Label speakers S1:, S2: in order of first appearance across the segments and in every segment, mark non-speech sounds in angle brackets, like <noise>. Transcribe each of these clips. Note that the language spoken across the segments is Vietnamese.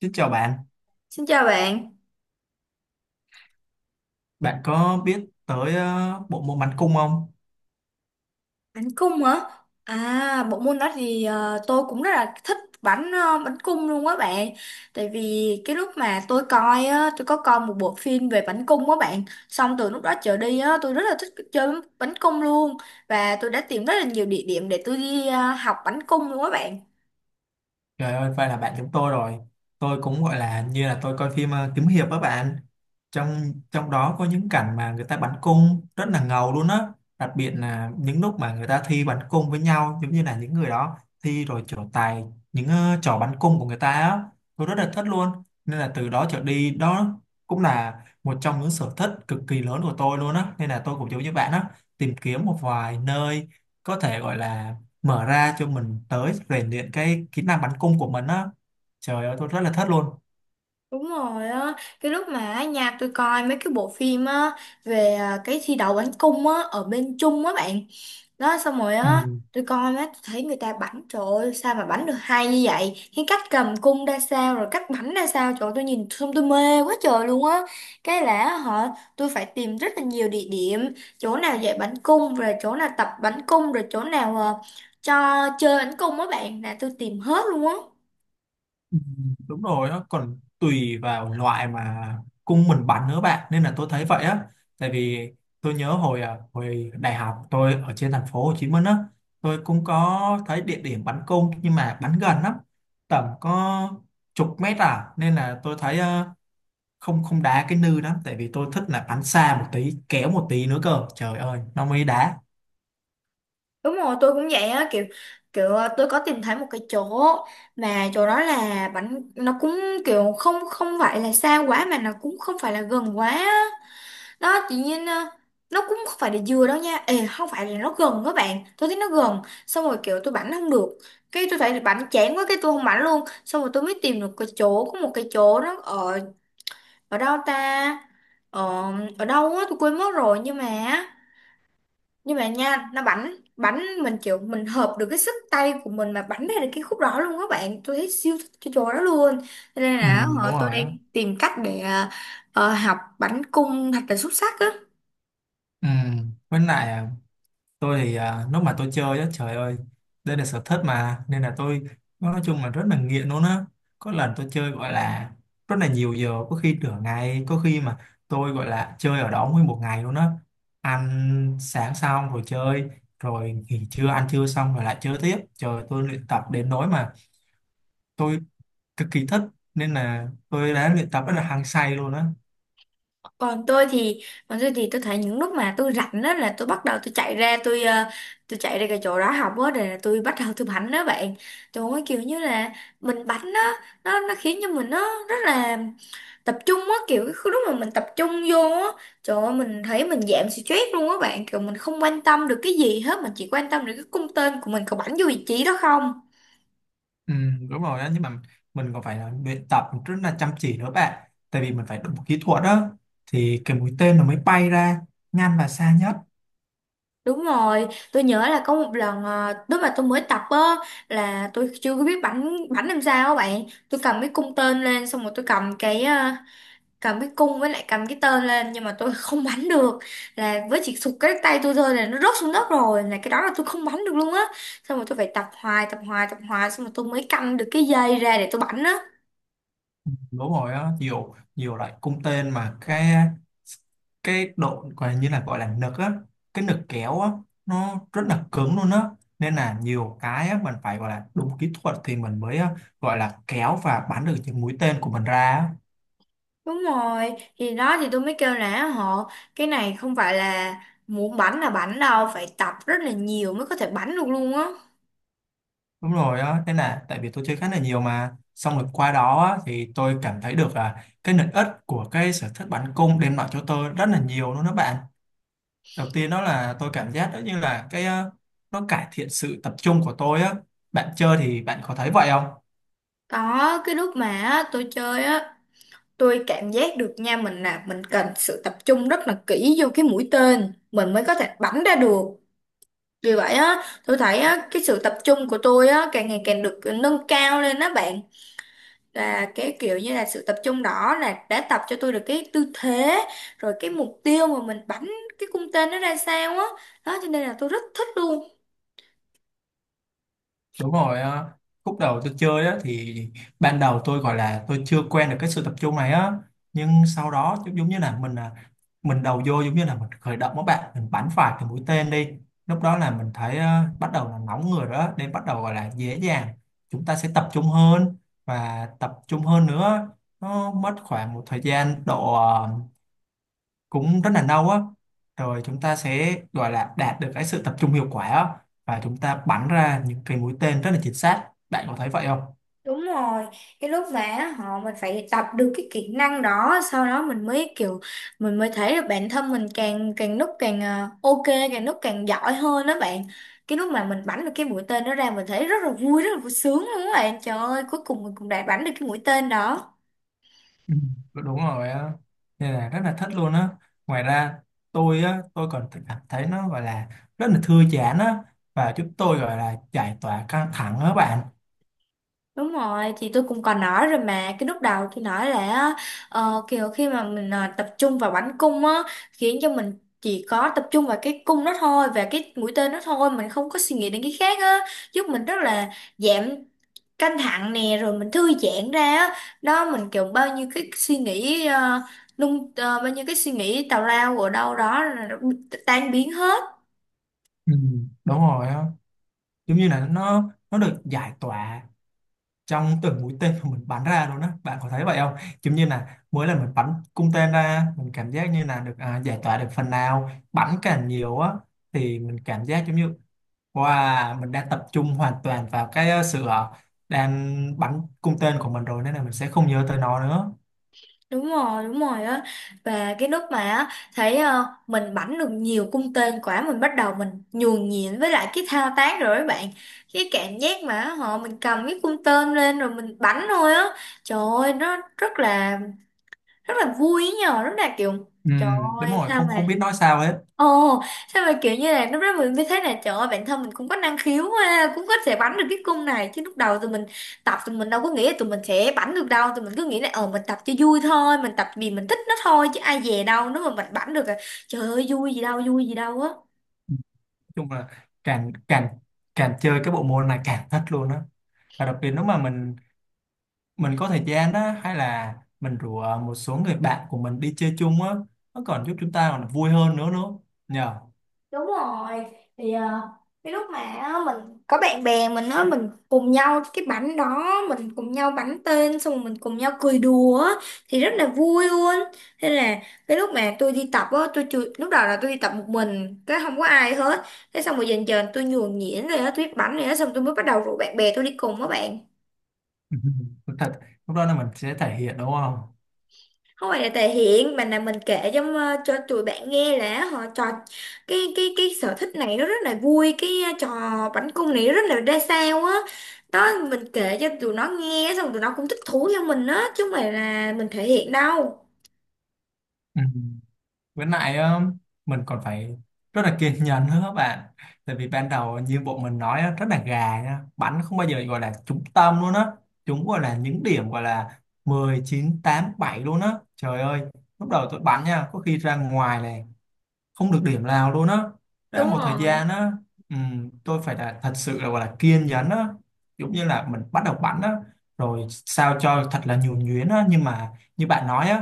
S1: Xin chào bạn,
S2: Xin chào bạn,
S1: bạn có biết tới bộ môn bắn cung không?
S2: bánh cung hả? À, bộ môn đó thì tôi cũng rất là thích bánh cung luôn á bạn. Tại vì cái lúc mà tôi coi á, tôi có coi một bộ phim về bánh cung á bạn. Xong từ lúc đó trở đi á, tôi rất là thích chơi bánh cung luôn, và tôi đã tìm rất là nhiều địa điểm để tôi đi học bánh cung luôn á bạn.
S1: Trời ơi, vậy là bạn chúng tôi rồi. Tôi cũng gọi là như là tôi coi phim kiếm hiệp á bạn. Trong trong đó có những cảnh mà người ta bắn cung rất là ngầu luôn á. Đặc biệt là những lúc mà người ta thi bắn cung với nhau, giống như là những người đó thi rồi trổ tài những trò bắn cung của người ta á. Tôi rất là thích luôn. Nên là từ đó trở đi đó cũng là một trong những sở thích cực kỳ lớn của tôi luôn á. Nên là tôi cũng giống như bạn á, tìm kiếm một vài nơi có thể gọi là mở ra cho mình tới rèn luyện cái kỹ năng bắn cung của mình á. Trời ơi, tôi rất là thất luôn.
S2: Đúng rồi á, cái lúc mà ở nhà tôi coi mấy cái bộ phim á về cái thi đấu bánh cung á ở bên Trung á bạn đó. Xong rồi
S1: Ừ.
S2: á tôi coi, má tôi thấy người ta bảnh, trời ơi sao mà bảnh được hay như vậy, cái cách cầm cung ra sao rồi cách bảnh ra sao. Trời ơi, tôi nhìn xong tôi mê quá trời luôn á. Cái là họ tôi phải tìm rất là nhiều địa điểm, chỗ nào dạy bảnh cung rồi chỗ nào tập bảnh cung rồi chỗ nào cho chơi bảnh cung á bạn, là tôi tìm hết luôn á.
S1: Ừ, đúng rồi á, còn tùy vào loại mà cung mình bắn nữa bạn, nên là tôi thấy vậy á. Tại vì tôi nhớ hồi hồi đại học tôi ở trên thành phố Hồ Chí Minh á, tôi cũng có thấy địa điểm bắn cung nhưng mà bắn gần lắm, tầm có chục mét à, nên là tôi thấy không không đá cái nư lắm, tại vì tôi thích là bắn xa một tí, kéo một tí nữa cơ, trời ơi nó mới đá.
S2: Đúng rồi, tôi cũng vậy á, kiểu kiểu tôi có tìm thấy một cái chỗ mà chỗ đó là bánh nó cũng kiểu không không phải là xa quá mà nó cũng không phải là gần quá á. Đó tự nhiên nó cũng không phải là dừa đâu nha. Ê, không phải là nó gần các bạn, tôi thấy nó gần xong rồi kiểu tôi bắn không được. Cái tôi thấy bắn chán quá, cái tôi không bắn luôn, xong rồi tôi mới tìm được cái chỗ, có một cái chỗ nó ở, ở đâu ta, ở ở đâu á tôi quên mất rồi, nhưng mà nha nó bắn bắn mình, kiểu mình hợp được cái sức tay của mình mà bắn ra được cái khúc đó luôn các bạn, tôi thấy siêu thích cái chỗ đó luôn. Cho nên
S1: Ừ,
S2: là
S1: đúng
S2: tôi
S1: rồi
S2: đang
S1: á.
S2: tìm cách để học bắn cung thật là xuất sắc á.
S1: Ừ. Với lại tôi thì lúc mà tôi chơi á, trời ơi, đây là sở thích mà nên là tôi nói chung là rất là nghiện luôn á. Có lần tôi chơi gọi là rất là nhiều giờ, có khi nửa ngày, có khi mà tôi gọi là chơi ở đó nguyên một ngày luôn á. Ăn sáng xong rồi chơi, rồi nghỉ trưa ăn trưa xong rồi lại chơi tiếp. Trời, tôi luyện tập đến nỗi mà tôi cực kỳ thích, nên là tôi đã luyện tập rất là hăng say luôn á.
S2: còn tôi thì Còn tôi thì tôi thấy những lúc mà tôi rảnh đó là tôi bắt đầu, tôi chạy ra, tôi chạy ra cái chỗ đó học á, để tôi bắt đầu tôi bắn đó bạn. Trời ơi kiểu như là mình bắn đó, nó khiến cho mình nó rất là tập trung á. Kiểu cái lúc mà mình tập trung vô á, trời ơi mình thấy mình giảm stress luôn á bạn, kiểu mình không quan tâm được cái gì hết, mình chỉ quan tâm được cái cung tên của mình có bắn vô vị trí đó không.
S1: Ừ, đúng rồi á, nhưng mà mình còn phải là luyện tập rất là chăm chỉ nữa bạn, tại vì mình phải đụng kỹ thuật đó thì cái mũi tên nó mới bay ra nhanh và xa nhất.
S2: Đúng rồi, tôi nhớ là có một lần lúc mà tôi mới tập á là tôi chưa có biết bắn bắn làm sao á bạn. Tôi cầm cái cung tên lên xong rồi tôi cầm cầm cái cung với lại cầm cái tên lên, nhưng mà tôi <laughs> không bắn được. Là với chỉ sụt cái tay tôi thôi là nó rớt xuống đất rồi, là cái đó là tôi không bắn được luôn á. Xong rồi tôi phải tập hoài tập hoài tập hoài, xong rồi tôi mới căng được cái dây ra để tôi bắn á.
S1: Đúng rồi á, nhiều nhiều loại cung tên mà cái độ gọi như là gọi là nực á, cái nực kéo á, nó rất là cứng luôn á, nên là nhiều cái á, mình phải gọi là đúng kỹ thuật thì mình mới á, gọi là kéo và bắn được những mũi tên của mình ra á.
S2: Đúng rồi, thì đó thì tôi mới kêu là họ cái này không phải là muốn bắn là bắn đâu, phải tập rất là nhiều mới có thể bắn được luôn á.
S1: Đúng rồi á, thế là tại vì tôi chơi khá là nhiều mà xong rồi qua đó á, thì tôi cảm thấy được là cái lợi ích của cái sở thích bắn cung đem lại cho tôi rất là nhiều luôn đó bạn. Đầu tiên đó là tôi cảm giác đó như là nó cải thiện sự tập trung của tôi á. Bạn chơi thì bạn có thấy vậy không?
S2: Có cái lúc mà á, tôi chơi á, tôi cảm giác được nha, mình là mình cần sự tập trung rất là kỹ vô cái mũi tên mình mới có thể bắn ra được. Vì vậy á, tôi thấy á, cái sự tập trung của tôi á càng ngày càng được nâng cao lên đó bạn. Là cái kiểu như là sự tập trung đó là đã tập cho tôi được cái tư thế, rồi cái mục tiêu mà mình bắn cái cung tên nó ra sao á. Đó cho nên là tôi rất thích luôn.
S1: Đúng rồi á. Khúc đầu tôi chơi á thì ban đầu tôi gọi là tôi chưa quen được cái sự tập trung này á, nhưng sau đó giống giống như là mình mình đầu vô giống như là mình khởi động các bạn, mình bắn phải cái mũi tên đi, lúc đó là mình thấy bắt đầu là nóng người rồi đó, nên bắt đầu gọi là dễ dàng, chúng ta sẽ tập trung hơn và tập trung hơn nữa. Nó mất khoảng một thời gian độ cũng rất là lâu á, rồi chúng ta sẽ gọi là đạt được cái sự tập trung hiệu quả á, và chúng ta bắn ra những cái mũi tên rất là chính xác. Bạn có thấy vậy không?
S2: Đúng rồi, cái lúc mà họ mình phải tập được cái kỹ năng đó, sau đó mình mới thấy được bản thân mình càng càng lúc càng ok, càng lúc càng giỏi hơn đó bạn. Cái lúc mà mình bắn được cái mũi tên đó ra, mình thấy rất là vui, rất là vui sướng luôn đó bạn, trời ơi cuối cùng mình cũng đã bắn được cái mũi tên đó.
S1: Ừ, đúng rồi á, nên là rất là thích luôn á. Ngoài ra, tôi á, tôi còn cảm thấy nó gọi là rất là thư giãn á, và giúp tôi gọi là giải tỏa căng thẳng á bạn.
S2: Đúng rồi, thì tôi cũng còn nói rồi mà. Cái lúc đầu tôi nói là kiểu khi mà mình tập trung vào bắn cung á, khiến cho mình chỉ có tập trung vào cái cung đó thôi, và cái mũi tên đó thôi. Mình không có suy nghĩ đến cái khác á, giúp mình rất là giảm căng thẳng nè, rồi mình thư giãn ra á. Đó mình kiểu, bao nhiêu cái suy nghĩ tào lao ở đâu đó là nó tan biến hết.
S1: Ừ, đúng rồi á, giống như là nó được giải tỏa trong từng mũi tên mà mình bắn ra luôn á. Bạn có thấy vậy không? Giống như là mỗi lần mình bắn cung tên ra, mình cảm giác như là được giải tỏa được phần nào, bắn càng nhiều á thì mình cảm giác giống như wow, mình đang tập trung hoàn toàn vào cái ờ, sự ờ, đang bắn cung tên của mình rồi, nên là mình sẽ không nhớ tới nó nữa.
S2: Đúng rồi, đúng rồi á, và cái lúc mà á, thấy mình bảnh được nhiều cung tên quả, mình bắt đầu mình nhuần nhuyễn với lại cái thao tác rồi các bạn. Cái cảm giác mà họ mình cầm cái cung tên lên rồi mình bảnh thôi á, trời ơi nó rất là, rất là vui ấy nhờ, rất là kiểu,
S1: Ừ,
S2: trời
S1: đúng
S2: ơi
S1: rồi,
S2: sao
S1: không
S2: mà
S1: không biết nói sao hết, nói
S2: Ồ, sao mà kiểu như là, lúc đó mình mới thấy là trời ơi bản thân mình cũng có năng khiếu ha, cũng có thể bắn được cái cung này. Chứ lúc đầu tụi mình tập, tụi mình đâu có nghĩ là tụi mình sẽ bắn được đâu, tụi mình cứ nghĩ là mình tập cho vui thôi, mình tập vì mình thích nó thôi, chứ ai dè đâu nếu mà mình bắn được là trời ơi vui gì đâu á.
S1: chung là càng càng càng chơi cái bộ môn này càng thích luôn á. Và đặc biệt lúc mà mình có thời gian đó, hay là mình rủ một số người bạn của mình đi chơi chung á, nó còn giúp chúng ta còn vui hơn nữa nữa nhờ.
S2: Đúng rồi, thì cái lúc mà á, mình có bạn bè mình á, mình cùng nhau cái bánh đó, mình cùng nhau bắn tên xong rồi mình cùng nhau cười đùa á, thì rất là vui luôn. Thế là cái lúc mà tôi đi tập á tôi chưa, lúc đầu là tôi đi tập một mình, cái không có ai hết. Thế xong rồi dần dần tôi nhuần nhuyễn rồi á, tôi biết bắn rồi á, xong tôi mới bắt đầu rủ bạn bè tôi đi cùng á bạn.
S1: <laughs> Ừ, thật, lúc đó là mình sẽ thể hiện đúng không?
S2: Không phải là thể hiện, mà là mình kể cho cho tụi bạn nghe là họ trò, cái sở thích này nó rất là vui, cái trò bắn cung này rất là ra sao á. Đó mình kể cho tụi nó nghe, xong tụi nó cũng thích thú theo mình á, chứ không phải là mình thể hiện đâu.
S1: Ừ. Với lại mình còn phải rất là kiên nhẫn nữa các bạn, tại vì ban đầu như bộ mình nói á, rất là gà nha, bắn không bao giờ gọi là trúng tâm luôn á, chúng gọi là những điểm gọi là 19 8 7 luôn á, trời ơi. Lúc đầu tôi bắn nha, có khi ra ngoài này, không được điểm nào luôn á, đã
S2: Đúng
S1: một thời
S2: rồi.
S1: gian á. Tôi phải là thật sự là gọi là kiên nhẫn á, giống như là mình bắt đầu bắn á rồi sao cho thật là nhuần nhuyễn á, nhưng mà như bạn nói á,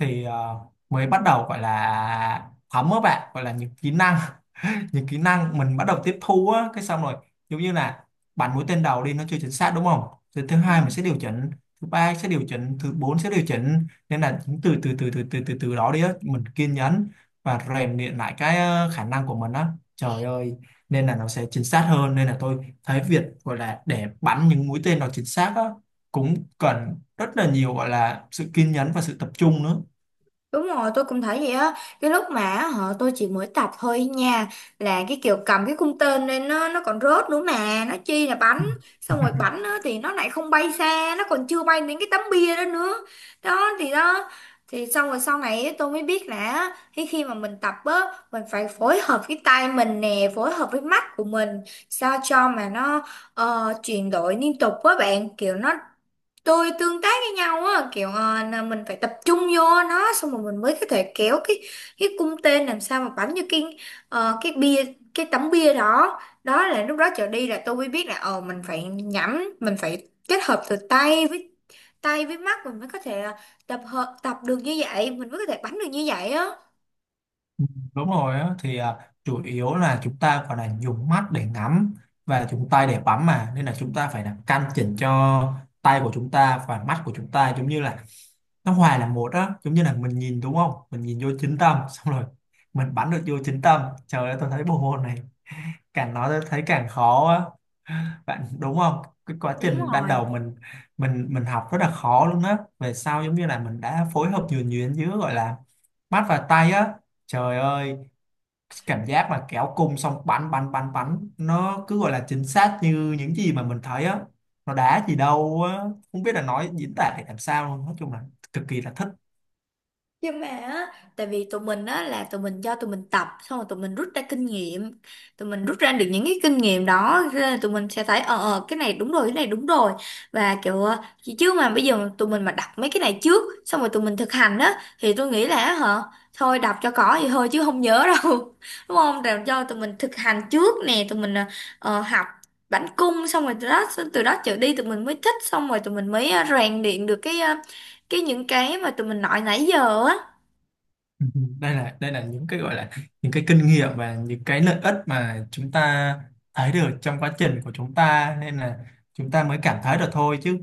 S1: thì mới bắt đầu gọi là thấm á bạn, gọi là những kỹ năng, những kỹ năng mình bắt đầu tiếp thu á, cái xong rồi giống như là bắn mũi tên đầu đi, nó chưa chính xác đúng không, rồi thứ hai mình sẽ điều chỉnh, thứ ba sẽ điều chỉnh, thứ bốn sẽ điều chỉnh, nên là những từ từ từ từ từ từ từ đó đi á, mình kiên nhẫn và rèn luyện lại khả năng của mình á, trời ơi, nên là nó sẽ chính xác hơn. Nên là tôi thấy việc gọi là để bắn những mũi tên nó chính xác á, cũng cần rất là nhiều gọi là sự kiên nhẫn và sự tập trung nữa.
S2: Đúng rồi, tôi cũng thấy vậy á. Cái lúc mà họ tôi chỉ mới tập thôi nha, là cái kiểu cầm cái cung tên lên nó còn rớt nữa mà, nó chi là bắn,
S1: Ừ.
S2: xong rồi
S1: <laughs>
S2: bắn á, thì nó lại không bay xa, nó còn chưa bay đến cái tấm bia đó nữa. Đó, thì xong rồi sau này á, tôi mới biết là á, khi khi mà mình tập á, mình phải phối hợp cái tay mình nè, phối hợp với mắt của mình sao cho mà nó chuyển đổi liên tục với bạn, kiểu nó tôi tương tác với nhau á, kiểu là mình phải tập trung vô nó xong rồi mình mới có thể kéo cái cung tên làm sao mà bắn như ờ, cái bia cái tấm bia đó. Đó là lúc đó trở đi là tôi mới biết là mình phải nhắm, mình phải kết hợp từ tay với mắt, mình mới có thể là tập được như vậy, mình mới có thể bắn được như vậy á.
S1: Đúng rồi á, thì chủ yếu là chúng ta gọi là dùng mắt để ngắm và dùng tay để bấm mà, nên là chúng ta phải là căn chỉnh cho tay của chúng ta và mắt của chúng ta giống như là nó hòa là một á, giống như là mình nhìn đúng không, mình nhìn vô chính tâm <laughs> xong rồi mình bắn được vô chính tâm, trời ơi tôi thấy bộ môn này càng nói tôi thấy càng khó á, bạn đúng không? Cái quá
S2: Đúng
S1: trình ban
S2: rồi,
S1: đầu mình học rất là khó luôn á, về sau giống như là mình đã phối hợp nhuần nhuyễn giữa gọi là mắt và tay á, trời ơi, cảm giác mà kéo cung xong bắn bắn bắn bắn, nó cứ gọi là chính xác như những gì mà mình thấy á, nó đá gì đâu á, không biết là nói diễn tả để làm sao luôn, nói chung là cực kỳ là thích. <laughs>
S2: nhưng mà á, tại vì tụi mình á, là tụi mình cho tụi mình tập xong rồi tụi mình rút ra kinh nghiệm, tụi mình rút ra được những cái kinh nghiệm đó, cho tụi mình sẽ thấy, cái này đúng rồi, cái này đúng rồi, và kiểu chứ chứ mà bây giờ tụi mình mà đọc mấy cái này trước xong rồi tụi mình thực hành á, thì tôi nghĩ là hả, thôi đọc cho có vậy thôi chứ không nhớ đâu <laughs> đúng không? Rồi cho tụi mình thực hành trước nè, tụi mình học bắn cung, xong rồi từ đó trở đi tụi mình mới thích, xong rồi tụi mình mới rèn luyện được cái ờ, cái những cái mà tụi mình nói nãy giờ á.
S1: Ừ, đây là những cái gọi là những cái kinh nghiệm và những cái lợi ích mà chúng ta thấy được trong quá trình của chúng ta, nên là chúng ta mới cảm thấy được thôi, chứ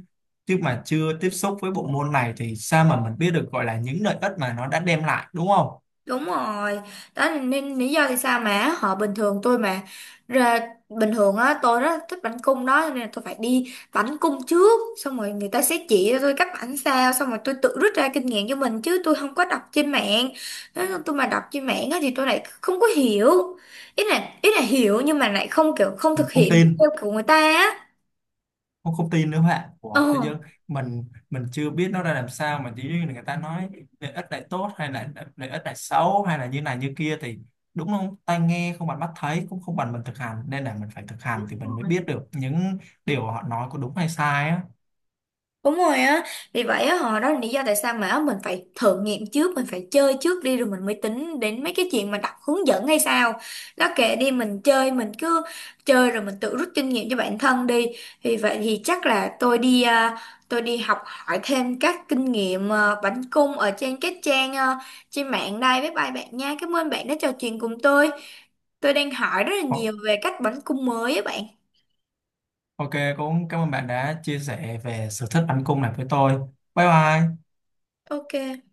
S1: chứ mà chưa tiếp xúc với bộ môn này thì sao mà mình biết được gọi là những lợi ích mà nó đã đem lại đúng không?
S2: Đúng rồi, đó là nên lý do tại sao mà họ ra bình thường á tôi rất thích bánh cung đó, cho nên là tôi phải đi bánh cung trước, xong rồi người ta sẽ chỉ cho tôi cách bánh sao, xong rồi tôi tự rút ra kinh nghiệm cho mình, chứ tôi không có đọc trên mạng. Nói chung tôi mà đọc trên mạng á thì tôi lại không có hiểu, ý là hiểu, nhưng mà lại không thực
S1: Không
S2: hiện được
S1: tin,
S2: theo của người ta á
S1: không, không tin nữa các bạn, của tự dưng mình chưa biết nó ra làm sao mà chỉ riêng người ta nói lợi ích này tốt hay là lợi ích này xấu hay là như này như kia thì, đúng không, tai nghe không bằng mắt thấy, cũng không bằng mình thực hành, nên là mình phải thực hành thì mình mới biết
S2: ờ
S1: được những điều họ nói có đúng hay sai á.
S2: Đúng rồi á, vì vậy á, họ đó là lý do tại sao mà á, mình phải thử nghiệm trước, mình phải chơi trước đi rồi mình mới tính đến mấy cái chuyện mà đọc hướng dẫn hay sao. Đó kệ đi, mình chơi, mình cứ chơi rồi mình tự rút kinh nghiệm cho bản thân đi. Vì vậy thì chắc là tôi đi học hỏi thêm các kinh nghiệm à, bánh cung ở trên các trang à, trên mạng đây. Bye bye bạn nha, cảm ơn bạn đã trò chuyện cùng tôi. Tôi đang hỏi rất là
S1: Ô-
S2: nhiều về cách bánh cung mới á bạn.
S1: ok, cũng cảm ơn bạn đã chia sẻ về sở thích bắn cung này với tôi. Bye bye.
S2: Ok.